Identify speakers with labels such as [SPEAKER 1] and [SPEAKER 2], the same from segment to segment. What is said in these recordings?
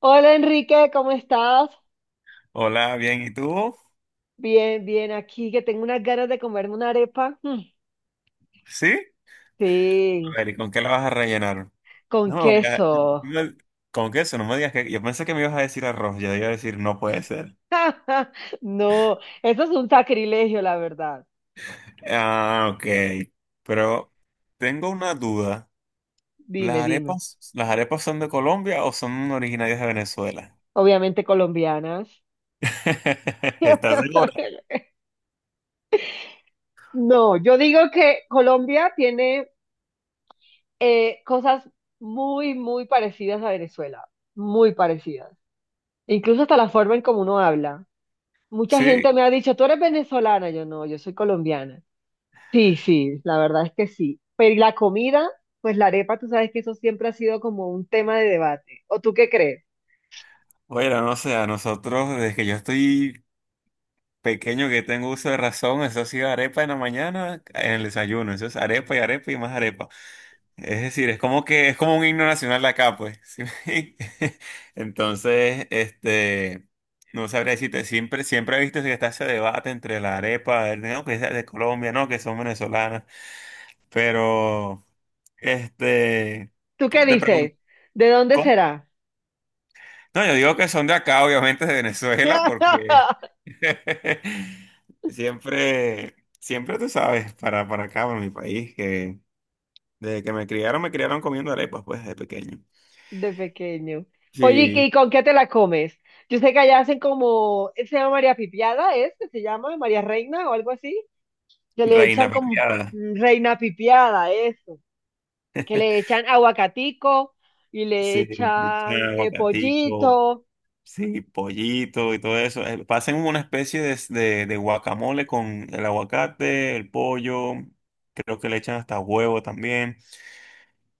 [SPEAKER 1] Hola Enrique, ¿cómo estás?
[SPEAKER 2] Hola, bien, ¿y tú?
[SPEAKER 1] Bien, bien, aquí que tengo unas ganas de comerme una arepa. Mm,
[SPEAKER 2] ¿Sí? A
[SPEAKER 1] sí,
[SPEAKER 2] ver, ¿y con qué la vas a rellenar?
[SPEAKER 1] con
[SPEAKER 2] No me vaya-
[SPEAKER 1] queso.
[SPEAKER 2] no- ¿Con qué eso? No me digas que... Yo pensé que me ibas a decir arroz, yo iba a decir no puede ser.
[SPEAKER 1] No, eso es un sacrilegio, la verdad.
[SPEAKER 2] Ah, ok. Pero tengo una duda. ¿Las
[SPEAKER 1] Dime, dime.
[SPEAKER 2] arepas, las arepas son de Colombia o son originarias de Venezuela?
[SPEAKER 1] Obviamente colombianas.
[SPEAKER 2] ¿Estás segura?
[SPEAKER 1] No, yo digo que Colombia tiene cosas muy, muy parecidas a Venezuela, muy parecidas. Incluso hasta la forma en cómo uno habla. Mucha gente
[SPEAKER 2] Sí.
[SPEAKER 1] me ha dicho, tú eres venezolana, yo no, yo soy colombiana. Sí, sí, la verdad es que sí. Pero ¿y la comida, pues la arepa, tú sabes que eso siempre ha sido como un tema de debate? ¿O tú qué crees?
[SPEAKER 2] Bueno, no sé, a nosotros, desde que yo estoy pequeño que tengo uso de razón, eso ha sido arepa en la mañana, en el desayuno, eso es arepa y arepa y más arepa. Es decir, es como que es como un himno nacional acá, pues. Entonces, no sabría decirte, siempre he visto que está ese debate entre la arepa, no, que es de Colombia, no, que son venezolanas. Pero, este,
[SPEAKER 1] ¿Tú qué
[SPEAKER 2] ¿cómo te
[SPEAKER 1] dices?
[SPEAKER 2] pregunto?
[SPEAKER 1] ¿De dónde será?
[SPEAKER 2] No, yo digo que son de acá, obviamente de Venezuela, porque siempre tú sabes, para acá, para mi país, que desde que me criaron comiendo arepas, pues, de pequeño.
[SPEAKER 1] De pequeño. Oye, ¿y qué-
[SPEAKER 2] Sí.
[SPEAKER 1] y con qué te la comes? Yo sé que allá hacen como, se llama María Pipiada, ¿es? Que ¿se llama María Reina o algo así? Que le
[SPEAKER 2] Reina
[SPEAKER 1] echan como
[SPEAKER 2] pepiada.
[SPEAKER 1] Reina Pipiada, eso. Que le echan aguacatico y le
[SPEAKER 2] Sí,
[SPEAKER 1] echan
[SPEAKER 2] echa aguacatico,
[SPEAKER 1] pollito.
[SPEAKER 2] sí, pollito y todo eso. Hacen una especie de, de guacamole con el aguacate, el pollo, creo que le echan hasta huevo también.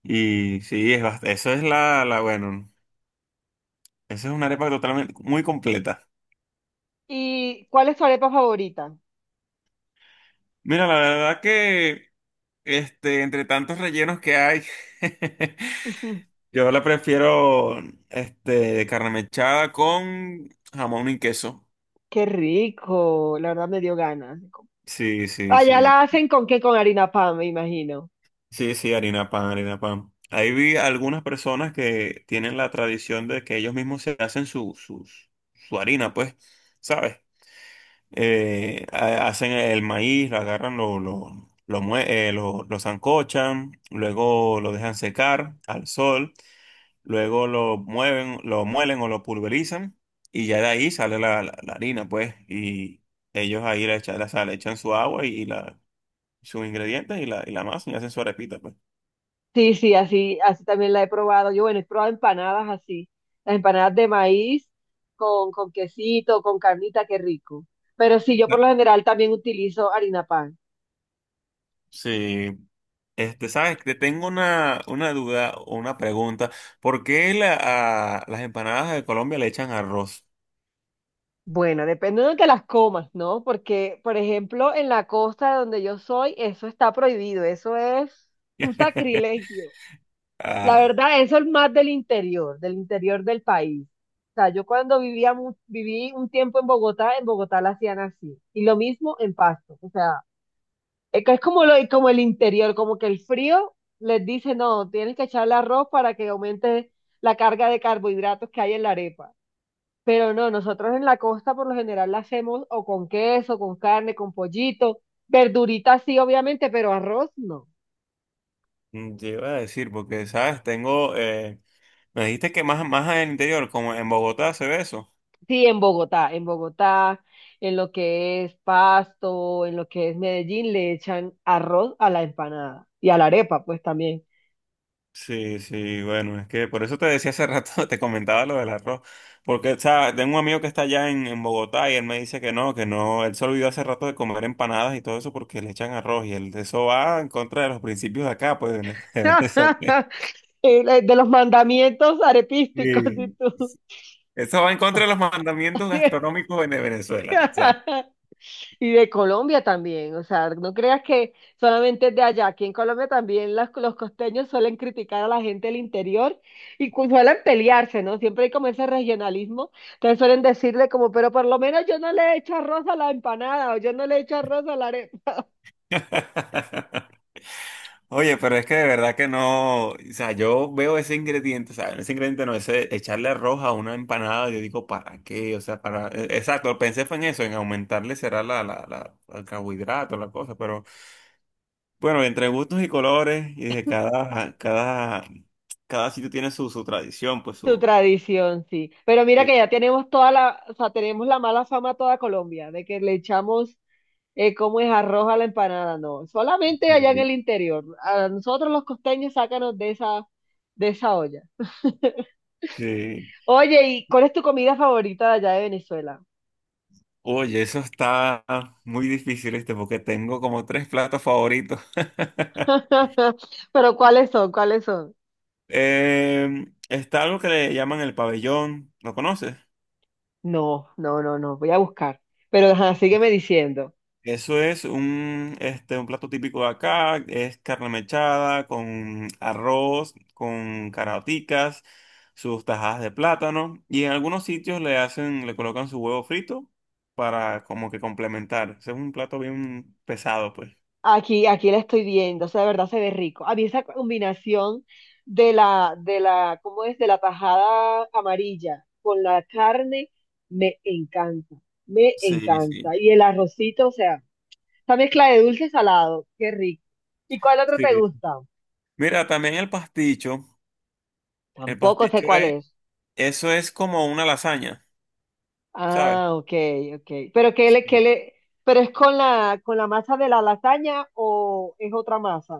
[SPEAKER 2] Y sí, es, eso es bueno, esa es una arepa totalmente muy completa.
[SPEAKER 1] ¿Y cuál es tu arepa favorita?
[SPEAKER 2] Mira, la verdad que entre tantos rellenos que hay, yo la prefiero, de carne mechada con jamón y queso.
[SPEAKER 1] Qué rico, la verdad me dio ganas.
[SPEAKER 2] Sí, sí,
[SPEAKER 1] Allá
[SPEAKER 2] sí.
[SPEAKER 1] la hacen con qué, con harina pan, me imagino.
[SPEAKER 2] Sí, sí, harina pan, harina pan. Ahí vi algunas personas que tienen la tradición de que ellos mismos se hacen su, su harina, pues, ¿sabes? Hacen el maíz, lo agarran, lo sancochan, luego lo dejan secar al sol, luego lo mueven, lo muelen o lo pulverizan, y ya de ahí sale la, la harina, pues, y ellos ahí le echan, le echan su agua sus ingredientes y la masa y hacen su arepita, pues.
[SPEAKER 1] Sí, sí, así, así también la he probado. Yo, bueno, he probado empanadas así, las empanadas de maíz con quesito, con carnita, qué rico. Pero sí, yo
[SPEAKER 2] No,
[SPEAKER 1] por lo general también utilizo harina pan.
[SPEAKER 2] sí, sabes, te tengo una duda o una pregunta. ¿Por qué a las empanadas de Colombia le echan arroz?
[SPEAKER 1] Bueno, depende de donde las comas, ¿no? Porque, por ejemplo, en la costa de donde yo soy, eso está prohibido, eso es un sacrilegio. La
[SPEAKER 2] Ah,
[SPEAKER 1] verdad, eso es más del interior, del interior del país. O sea, yo cuando vivía, viví un tiempo en Bogotá la hacían así. Y lo mismo en Pasto. O sea, es que es como, como el interior, como que el frío les dice, no, tienes que echarle arroz para que aumente la carga de carbohidratos que hay en la arepa. Pero no, nosotros en la costa por lo general la hacemos o con queso, con carne, con pollito, verdurita sí, obviamente, pero arroz no.
[SPEAKER 2] te iba a decir, porque, sabes, me dijiste que más en el interior, como en Bogotá se ve eso.
[SPEAKER 1] Sí, en Bogotá, en Bogotá, en lo que es Pasto, en lo que es Medellín, le echan arroz a la empanada y a la arepa, pues también.
[SPEAKER 2] Sí, sí, bueno, es que por eso te decía hace rato, te comentaba lo del arroz, porque, o sea, tengo un amigo que está allá en Bogotá y él me dice que no, él se olvidó hace rato de comer empanadas y todo eso porque le echan arroz, y él, eso va en contra de los principios de acá, pues, eso,
[SPEAKER 1] De los mandamientos arepísticos, y
[SPEAKER 2] sí.
[SPEAKER 1] tú.
[SPEAKER 2] Eso va en contra de los mandamientos gastronómicos en Venezuela, o sea.
[SPEAKER 1] Y de Colombia también, o sea, no creas que solamente es de allá, aquí en Colombia también los costeños suelen criticar a la gente del interior y suelen pelearse, ¿no? Siempre hay como ese regionalismo, entonces suelen decirle como, pero por lo menos yo no le echo arroz a la empanada o yo no le echo arroz a la arepa.
[SPEAKER 2] Oye, pero es que de verdad que no, o sea, yo veo ese ingrediente, o sea, ese ingrediente no, ese echarle arroz a una empanada, yo digo, ¿para qué? O sea, exacto, pensé fue en eso, en aumentarle será el carbohidrato, la cosa, pero bueno, entre gustos y colores, y de cada sitio tiene su tradición, pues
[SPEAKER 1] Su tradición, sí. Pero mira
[SPEAKER 2] sí,
[SPEAKER 1] que ya tenemos toda la, o sea, tenemos la mala fama a toda Colombia, de que le echamos ¿cómo es arroz a la empanada? No, solamente allá en
[SPEAKER 2] sí.
[SPEAKER 1] el interior. A nosotros los costeños sácanos de esa olla.
[SPEAKER 2] Sí.
[SPEAKER 1] Oye, ¿y cuál es tu comida favorita de allá de Venezuela?
[SPEAKER 2] Oye, eso está muy difícil, porque tengo como tres platos favoritos.
[SPEAKER 1] Pero ¿cuáles son? ¿Cuáles son?
[SPEAKER 2] Está algo que le llaman el pabellón, ¿lo conoces?
[SPEAKER 1] No, no, no, no, voy a buscar. Pero ajá, sígueme diciendo.
[SPEAKER 2] Eso es un plato típico de acá, es carne mechada con arroz, con caraoticas, sus tajadas de plátano, y en algunos sitios le hacen, le colocan su huevo frito para como que complementar. Ese es un plato bien pesado, pues.
[SPEAKER 1] Aquí, aquí la estoy viendo, o sea, de verdad se ve rico. A mí esa combinación de la, ¿cómo es? De la tajada amarilla con la carne, me encanta, me
[SPEAKER 2] Sí, sí.
[SPEAKER 1] encanta. Y el arrocito, o sea. Esa mezcla de dulce y salado, qué rico. ¿Y cuál otro
[SPEAKER 2] Sí.
[SPEAKER 1] te gusta?
[SPEAKER 2] Mira, también el
[SPEAKER 1] Tampoco sé
[SPEAKER 2] pasticho
[SPEAKER 1] cuál
[SPEAKER 2] es,
[SPEAKER 1] es.
[SPEAKER 2] eso es como una lasaña, ¿sabes?
[SPEAKER 1] Ah, ok, ok. ¿Pero qué le, pero es con la, masa de la lasaña o es otra masa?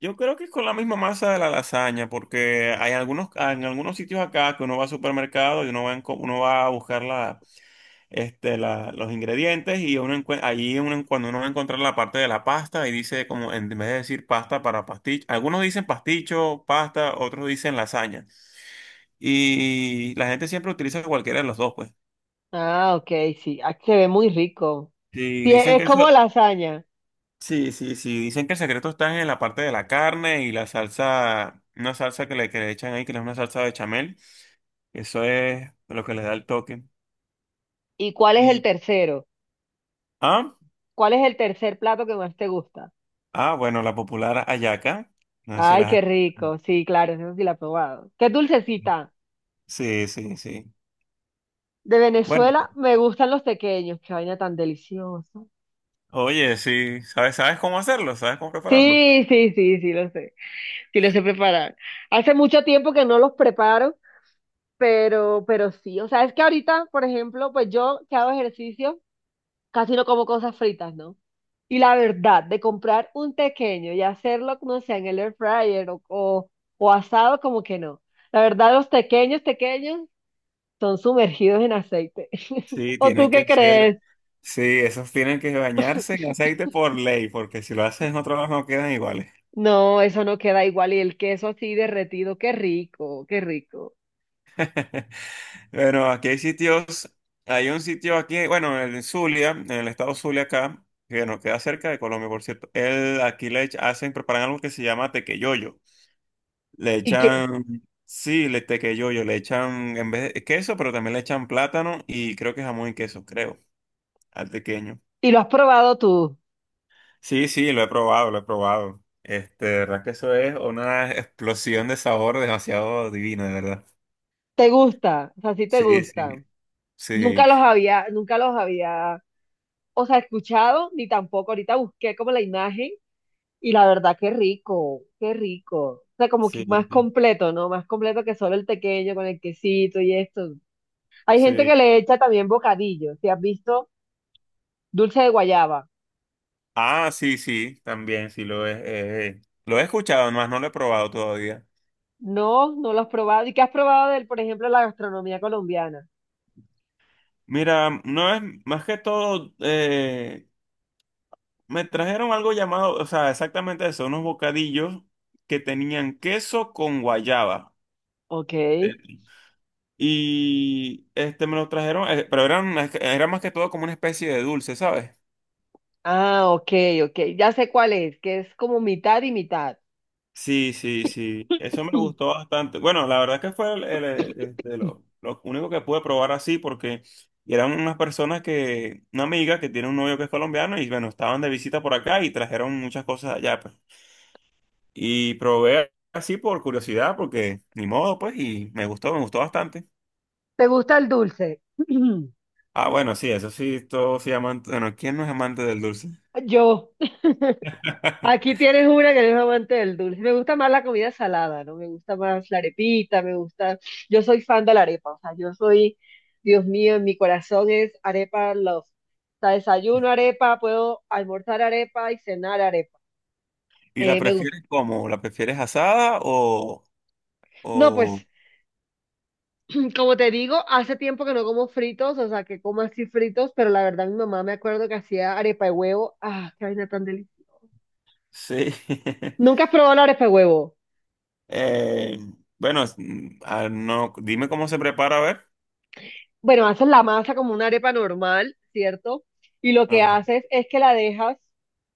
[SPEAKER 2] Yo creo que es con la misma masa de la lasaña, porque hay algunos, en algunos sitios acá, que uno va al supermercado y uno va, uno va a buscar los ingredientes, y allí uno, cuando uno va a encontrar la parte de la pasta y dice, como en vez de decir pasta para pasticho, algunos dicen pasticho, pasta, otros dicen lasaña. Y la gente siempre utiliza cualquiera de los dos, pues.
[SPEAKER 1] Ah, ok, sí. Ah, se ve muy rico.
[SPEAKER 2] Y
[SPEAKER 1] Sí,
[SPEAKER 2] dicen
[SPEAKER 1] es
[SPEAKER 2] que eso,
[SPEAKER 1] como lasaña.
[SPEAKER 2] sí, sí, sí, dicen que el secreto está en la parte de la carne y la salsa, una salsa que le echan ahí, que es una salsa bechamel. Eso es lo que le da el toque.
[SPEAKER 1] ¿Y cuál es el
[SPEAKER 2] Y,
[SPEAKER 1] tercero?
[SPEAKER 2] ah,
[SPEAKER 1] ¿Cuál es el tercer plato que más te gusta?
[SPEAKER 2] bueno, la popular hallaca. No sé si
[SPEAKER 1] Ay,
[SPEAKER 2] las-
[SPEAKER 1] qué rico. Sí, claro, eso sí la he probado. Qué dulcecita.
[SPEAKER 2] Sí, sí, sí.
[SPEAKER 1] De
[SPEAKER 2] Bueno,
[SPEAKER 1] Venezuela me gustan los pequeños. Qué vaina tan deliciosa.
[SPEAKER 2] oye, sí, sabes cómo hacerlo? ¿Sabes cómo prepararlo?
[SPEAKER 1] Sí, sí, sí, sí lo sé preparar. Hace mucho tiempo que no los preparo, pero sí, o sea, es que ahorita, por ejemplo, pues yo que hago ejercicio, casi no como cosas fritas, ¿no? Y la verdad, de comprar un pequeño y hacerlo, no sé, en el air fryer o asado, como que no. La verdad, los pequeños, pequeños son sumergidos en aceite.
[SPEAKER 2] Sí,
[SPEAKER 1] ¿O tú
[SPEAKER 2] tienen
[SPEAKER 1] qué
[SPEAKER 2] que ser,
[SPEAKER 1] crees?
[SPEAKER 2] sí, esos tienen que bañarse en aceite por ley, porque si lo hacen en otro lado no quedan iguales.
[SPEAKER 1] No, eso no queda igual. Y el queso así derretido, qué rico, qué rico.
[SPEAKER 2] Bueno, aquí hay sitios, hay un sitio aquí, bueno, en el Zulia, en el estado Zulia acá, que nos queda cerca de Colombia, por cierto. Él, aquí preparan algo que se llama tequeyoyo. Le
[SPEAKER 1] Y que.
[SPEAKER 2] echan, sí, le tequeyoyo, le echan en vez de queso, pero también le echan plátano y creo que jamón y queso, creo, al tequeño.
[SPEAKER 1] Y lo has probado tú.
[SPEAKER 2] Sí, sí, lo he probado, lo he probado. De verdad que eso es una explosión de sabor demasiado divina, de verdad.
[SPEAKER 1] ¿Te gusta? O sea, sí te
[SPEAKER 2] Sí, sí,
[SPEAKER 1] gusta. Nunca
[SPEAKER 2] sí,
[SPEAKER 1] los había, nunca los había, o sea, escuchado, ni tampoco. Ahorita busqué como la imagen y la verdad, qué rico, qué rico. O sea, como que
[SPEAKER 2] sí,
[SPEAKER 1] más
[SPEAKER 2] sí.
[SPEAKER 1] completo, ¿no? Más completo que solo el tequeño con el quesito y esto. Hay gente
[SPEAKER 2] Sí.
[SPEAKER 1] que le echa también bocadillo. Si has visto dulce de guayaba.
[SPEAKER 2] Ah, sí, sí, también sí lo he escuchado, más no lo he probado todavía.
[SPEAKER 1] No, no lo has probado. ¿Y qué has probado del, por ejemplo, la gastronomía colombiana?
[SPEAKER 2] Mira, no es más que todo, me trajeron algo llamado, o sea, exactamente eso, unos bocadillos que tenían queso con guayaba.
[SPEAKER 1] Ok.
[SPEAKER 2] Sí. Y este me lo trajeron, pero eran, era más que todo como una especie de dulce, ¿sabes?
[SPEAKER 1] Ah, ok, ok. Ya sé cuál es, que es como mitad y mitad.
[SPEAKER 2] Sí, sí, sí. Eso me gustó bastante. Bueno, la verdad que fue de lo único que pude probar así, porque eran unas personas que, una amiga que tiene un novio que es colombiano, y bueno, estaban de visita por acá y trajeron muchas cosas allá, pues. Y probé así por curiosidad porque ni modo, pues, y me gustó bastante.
[SPEAKER 1] ¿Te gusta el dulce?
[SPEAKER 2] Ah, bueno, sí, eso sí, todos sí amantes. Bueno, ¿quién no es amante del dulce?
[SPEAKER 1] Yo, aquí tienes una que es amante del dulce. Me gusta más la comida salada, ¿no? Me gusta más la arepita, me gusta. Yo soy fan de la arepa, o sea, yo soy, Dios mío, en mi corazón es arepa love. O sea, desayuno arepa, puedo almorzar arepa y cenar arepa.
[SPEAKER 2] ¿Y la
[SPEAKER 1] Me gusta.
[SPEAKER 2] prefieres cómo? ¿La prefieres asada
[SPEAKER 1] No,
[SPEAKER 2] o...?
[SPEAKER 1] pues, como te digo, hace tiempo que no como fritos, o sea, que como así fritos, pero la verdad mi mamá me acuerdo que hacía arepa de huevo. Ah, qué vaina tan deliciosa.
[SPEAKER 2] Sí.
[SPEAKER 1] Nunca has probado la arepa de huevo.
[SPEAKER 2] Eh, bueno, no, dime cómo se prepara, a ver.
[SPEAKER 1] Bueno, haces la masa como una arepa normal, ¿cierto? Y lo que
[SPEAKER 2] Ajá.
[SPEAKER 1] haces es que la dejas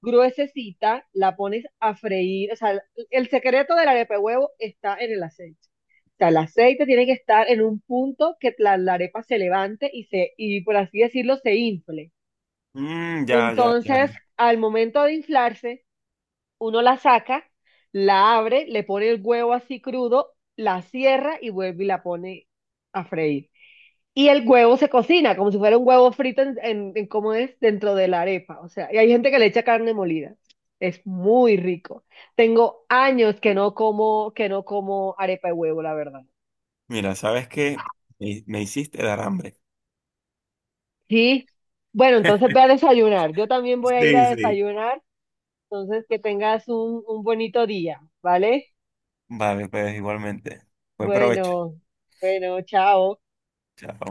[SPEAKER 1] gruesecita, la pones a freír. O sea, el secreto de la arepa de huevo está en el aceite. O sea, el aceite tiene que estar en un punto que la arepa se levante y se, y por así decirlo, se infle.
[SPEAKER 2] Ya, ya, ya,
[SPEAKER 1] Entonces,
[SPEAKER 2] ya.
[SPEAKER 1] al momento de inflarse, uno la saca, la abre, le pone el huevo así crudo, la cierra y vuelve y la pone a freír. Y el huevo se cocina como si fuera un huevo frito en cómo es dentro de la arepa. O sea, y hay gente que le echa carne molida. Es muy rico. Tengo años que no como arepa de huevo, la verdad.
[SPEAKER 2] Mira, ¿sabes qué? Me hiciste dar hambre.
[SPEAKER 1] Sí. Bueno, entonces ve a desayunar. Yo también voy a ir
[SPEAKER 2] Sí,
[SPEAKER 1] a
[SPEAKER 2] sí.
[SPEAKER 1] desayunar. Entonces, que tengas un bonito día, ¿vale?
[SPEAKER 2] Vale, pues igualmente. Buen provecho.
[SPEAKER 1] Bueno, bueno, chao.
[SPEAKER 2] Chao.